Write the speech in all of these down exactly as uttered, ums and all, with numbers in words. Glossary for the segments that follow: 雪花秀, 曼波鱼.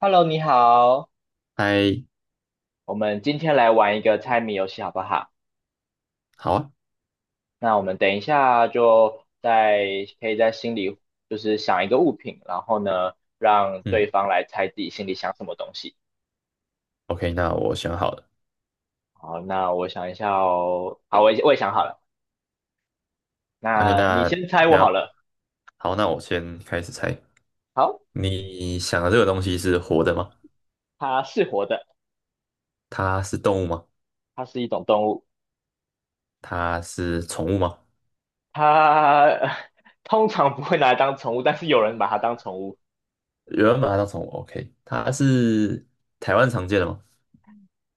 Hello，你好，嗨。我们今天来玩一个猜谜游戏，好不好？好啊。那我们等一下就在可以在心里就是想一个物品，然后呢让对嗯方来猜自己心里想什么东西。，OK,那我想好了好，那我想一下哦，好，我也我也想好了，，OK,那你那先猜你我要，好了。好，那我先开始猜。好，你想的这个东西是活的吗？它是活的，它是动物吗？它是一种动物，它是宠物吗？它 通常不会拿来当宠物，但是有人把它当宠物。有人把它当宠物，OK,它是台湾常见的吗？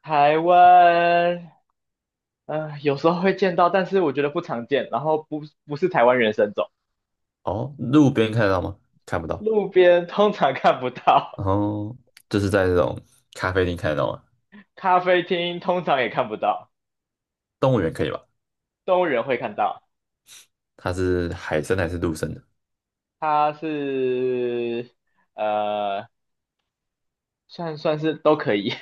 台湾，呃，有时候会见到，但是我觉得不常见。然后不不是台湾原生种，哦，路边看得到吗？看不到。路边通常看不到，然后就是在这种咖啡厅看得到吗？咖啡厅通常也看不到，动物园可以吧？动物园会看到。它是海生还是陆生的？它是呃，算算是都可以，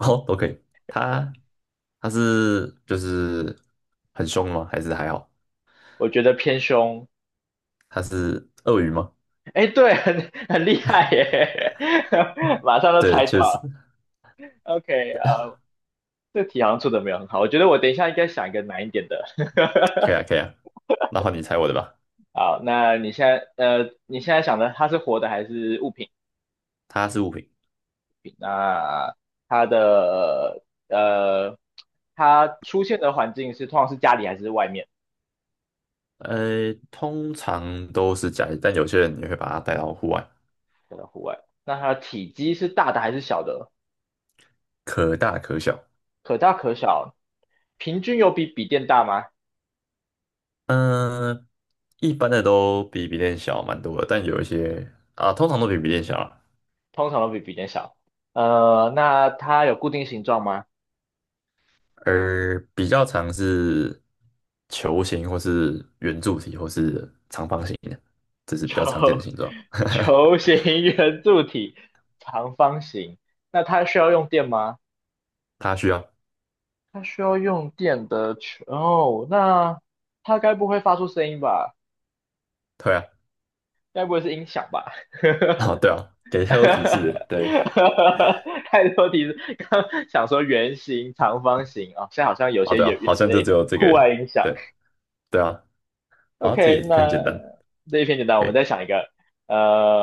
哦，都可以。它它是就是很凶吗？还是还好？我觉得偏凶。它是鳄鱼吗？哎，对，很很厉害耶，马上就对，猜到确实。了。OK，呃，这题好像出的没有很好，我觉得我等一下应该想一个难一点的。可以啊，可以啊。那换你猜我的吧。好，那你现在呃，你现在想的它是活的还是物品？它是物品。品，那它的呃，它出现的环境是通常是家里还是外面呃，通常都是家里，但有些人也会把它带到户外。的户外？那它的体积是大的还是小的？可大可小。可大可小，平均有比笔电大吗？嗯、一般的都比笔电小蛮多的，但有一些啊，通常都比笔电小啊。通常都比笔电小。呃，那它有固定形状吗？而比较常是球形或是圆柱体或是长方形的，这是比较常球 见的形状。球 形、圆柱体、长方形。那它需要用电吗？它需要。它需要用电的球。哦，那它该不会发出声音吧？对啊。该不会是音响吧？哦，对啊，给 太多提示了，对。太多提示，刚想说圆形、长方形啊、哦现在好像有哦，些对啊，圆好圆形像的就只有这户个。外音响。对对啊，啊，这个 OK，也偏简那单。这一篇简单，我可们以。再想一个。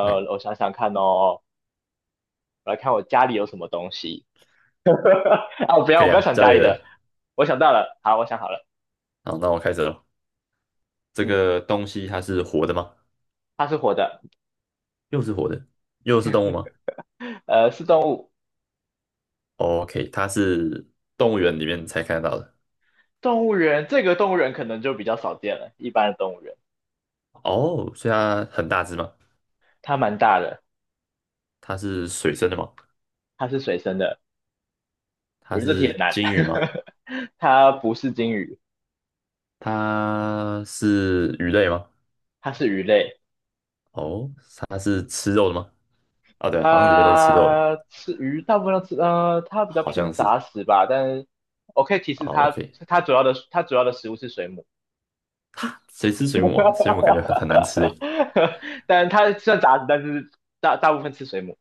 哎，我想想看哦，我来看我家里有什么东西啊！我不要，可我以不要啊，想家家里里的，的。我想到了，好，我想好了，好，那我开始了。这嗯，个东西它是活的吗？它是活的，又是活的，又是动物吗呃，是动物，？OK,它是动物园里面才看得到的。动物园这个动物园可能就比较少见了，一般的动物园，哦，所以它很大只吗？它蛮大的，它是水生的吗？它是水生的，它我觉得这题很是难，鲸鱼吗？它不是鲸鱼，它是鱼类吗？它是鱼类，哦，它是吃肉的吗？啊，对，好像里面都是吃肉的。它吃鱼大部分都吃，呃，它比较好偏像是。杂食吧，但是我可以提示哦 它，OK。它主要的它主要的食物是水母，谁吃水母啊？水母感觉很很难吃诶。但它虽然杂食，但是大大部分吃水母，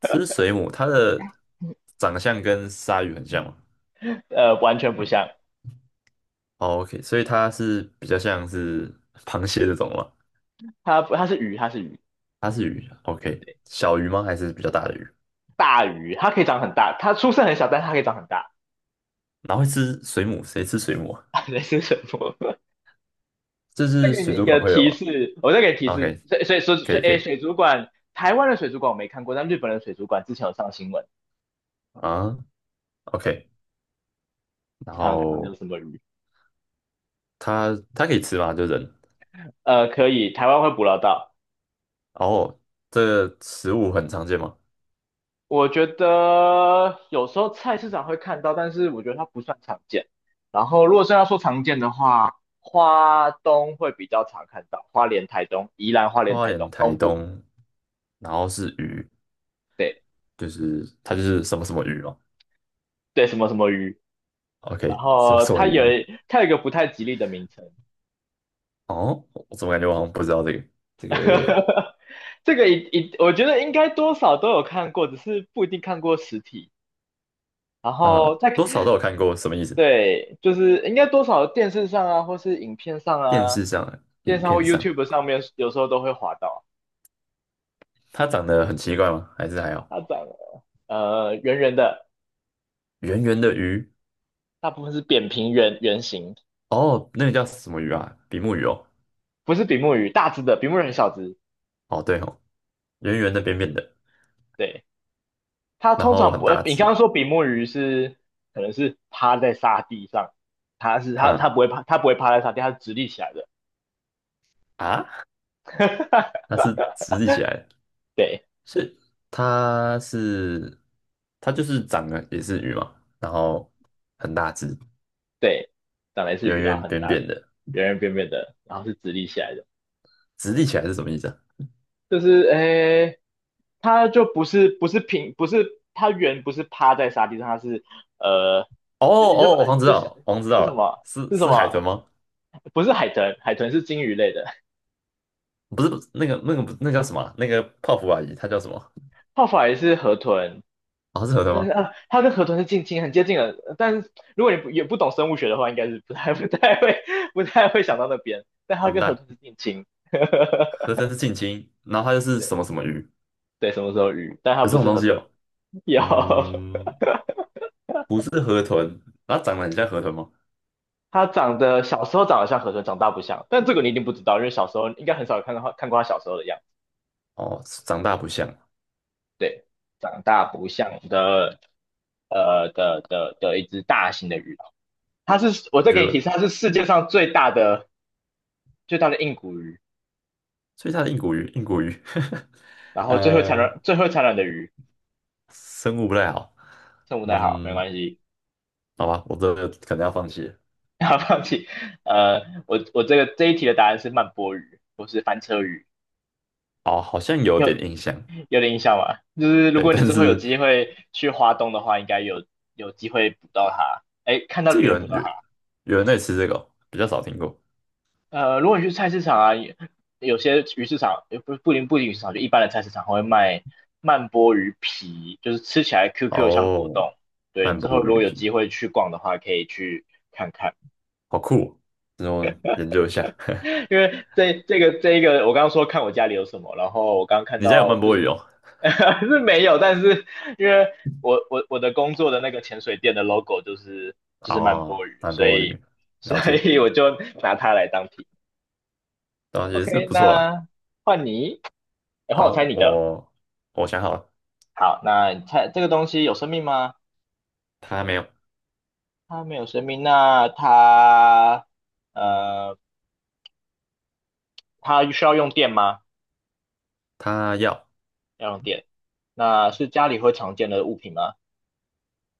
吃水母，它的长相跟鲨鱼很像吗？呃，完全不像，哦，OK,所以它是比较像是螃蟹这种吗？它它是鱼，它是鱼，它是鱼，OK,小鱼吗？还是比较大的鱼？大鱼，它可以长很大，它出生很小，但是它可以长很大，然后会吃水母，谁吃水母啊？类似水母。这再是给你水一族馆个会有提啊示，我再给提示，，OK,所以所以所可以以可哎，以水族馆，台湾的水族馆我没看过，但日本的水族馆之前有上新闻，啊，OK,然看看看看有后什么鱼。它它可以吃吗？就人。呃，可以，台湾会捕捞到。然后这个食物很常见吗？我觉得有时候菜市场会看到，但是我觉得它不算常见。然后如果是要说常见的话，花东会比较常看到，花莲、台东、宜兰、花莲、花台莲、东台东部，东，然后是鱼，对就是它就是什么什么鱼嘛对，什么什么鱼。然，OK,什么后什么它有鱼？它有一个不太吉利的名称，哦，我怎么感觉我好像不知道这个？这个 这个一一，我觉得应该多少都有看过，只是不一定看过实体。然啊，后再，多少都有看过，什么意思？对，就是应该多少电视上啊，或是影片上电啊，视上、电视影上或 片上。YouTube 上面，有时候都会滑到。它长得很奇怪吗？还是还有它长得呃圆圆的，圆圆的鱼。大部分是扁平圆圆形，哦，那个叫什么鱼啊？比目鱼哦。不是比目鱼，大只的，比目鱼很小只。哦对哦，圆圆的、扁扁的，对，它然通后常很不，呃，大你刚只。刚说比目鱼是可能是趴在沙地上，它是它它啊不会趴，它不会趴在沙地，它是直立起来的。啊，它是 直立起来的对是它是它就是长的也是鱼嘛，然后很大只，对，长得是圆鱼，然后圆很扁大，的，扁的。圆圆扁扁的，然后是直立起来的，直立起来是什么意思啊？就是诶，它就不是不是平，不是它圆，不是趴在沙地上，它是呃，哦哦，也就哦把我好像知就想道，我好像知是道什了，么是是什是海豚么？吗？不是海豚，海豚是鲸鱼类的，不是，不是那个那个不那叫什么啊那个泡芙阿姨，她叫什么？泡法也是河豚，哦，是河豚但是吗？啊，它跟河豚是近亲，很接近的。但是如果你不也不懂生物学的话，应该是不太 不太会不太会想到那边。但它完跟河蛋。豚是近亲，河豚是近亲，然后它就是什么什么鱼。对，什么时候鱼？但它有这不种是东河西豚，哦。有，嗯，不是河豚。它长得很像河豚吗？它长得小时候长得像河豚，长大不像。但这个你一定不知道，因为小时候应该很少看到看过它小时候的样子。哦，长大不像。对，长大不像的，呃的的的一只大型的鱼。它是，我我再觉给你提得，示，它是世界上最大的最大的硬骨鱼，所以它的硬骨鱼，硬骨鱼。然后最会产呃，卵最会产卵的鱼。生物不太好。称呼太好，没嗯，关系，好吧，我这个可能要放弃了。不要放弃。呃，我我这个这一题的答案是慢波鱼，不是翻车鱼。哦，好像有因为点印象。有点印象吧，就是如对，果你但之后有是机会去华东的话，应该有有机会捕到它，哎，看到这别有人捕人到有它。有人在吃这个哦比较少听过呃，如果你去菜市场啊，有有些鱼市场，呃不不仅不仅鱼市场，就一般的菜市场会卖慢波鱼皮，就是吃起来 Q Q 像果哦。冻。对，你曼之后波如鱼果有皮，机会去逛的话，可以去看看。好酷哦。那我研究一下。因为这这个这一个，我刚刚说看我家里有什么，然后我刚刚 看你家有到曼就波鱼是 哦？是没有，但是因为我我我的工作的那个潜水店的 logo 就是就是曼哦，波鱼，曼所波以鱼，所了解。以我就拿它来当题。然后也是 OK，不错啦。那换你，诶换然我后猜你的。我我想好了。好，那你猜这个东西有生命吗？他没有。它没有生命，那它呃它需要用电吗？他要。要用电。那是家里会常见的物品吗？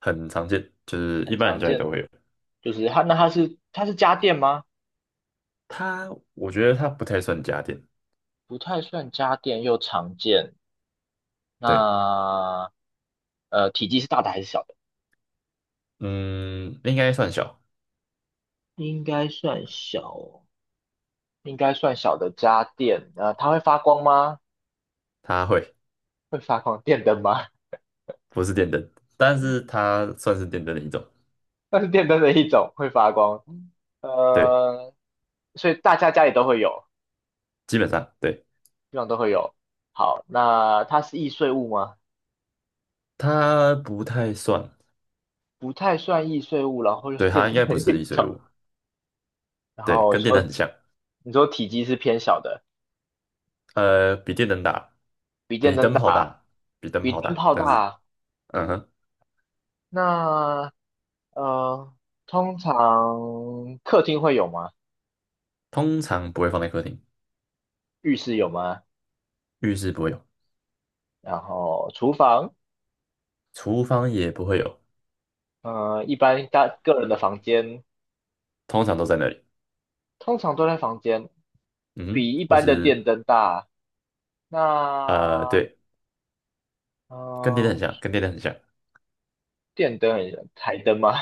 很常见，就是很一般人常家里见，都会有。就是它，那它是它是家电吗？它我觉得它不太算家电。不太算家电，又常见。对。那呃，体积是大的还是小的？嗯，应该算小。应该算小哦应该算小的家电。呃，它会发光吗？它会。会发光，电灯吗？不是电灯，但是它算是电灯的一种。那是电灯的一种，会发光。对，呃，所以大家家里都会有，基本上对。基本上都会有。好，那它是易碎物吗？它不太算。不太算易碎物，然后又是对，电它应灯该的不是一易碎种。物。然对，后你跟电灯说，很像。你说体积是偏小的，呃，比电灯大。比电比灯灯泡大。大。比灯比泡灯大，泡但是，大。嗯哼。那呃，通常客厅会有吗？通常不会放在客厅。浴室有吗？浴室不会有。然后厨房，厨房也不会有。呃，一般大个人的房间，通常都在那里。通常都在房间，嗯哼，比一或般的电是，灯大。呃，那对。嗯、跟电灯很呃，像，跟电灯很像。电灯很台灯吗？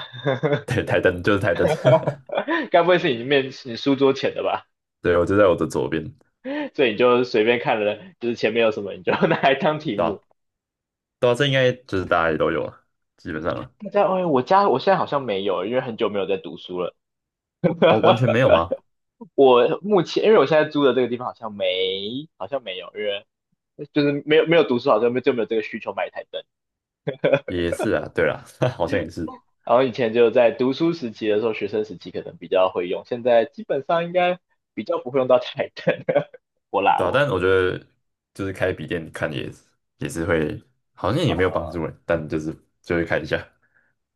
对，台灯就是台灯。该不会是你面你书桌前的吧？对，我就在我的左边。所以你就随便看了，就是前面有什么你就 拿来当题对吧？目。对啊，这应该就是大家也都有了，基本上了。大家，哎，我家我现在好像没有，因为很久没有在读书了。哦，完全没有吗？我目前，因为我现在租的这个地方好像没，好像没有，因为就是没有没有读书，好像就没有这个需求买一台灯。也是啊，对啦。好像也是。然后以前就在读书时期的时候，学生时期可能比较会用，现在基本上应该比较不会用到台灯。我啦，对啊，我但我觉得就是开笔电看也也是会，好像也没有帮助啊诶，但就是就会看一下。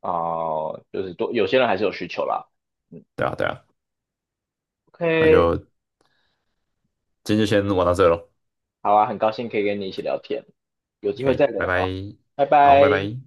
啊、哦就是多有些人还是有需求啦。嗯对啊，对啊。那，OK，就今天就先玩到这喽。好啊，很高兴可以跟你一起聊天，有机会再 OK,拜聊拜。哦，拜好，拜拜。拜。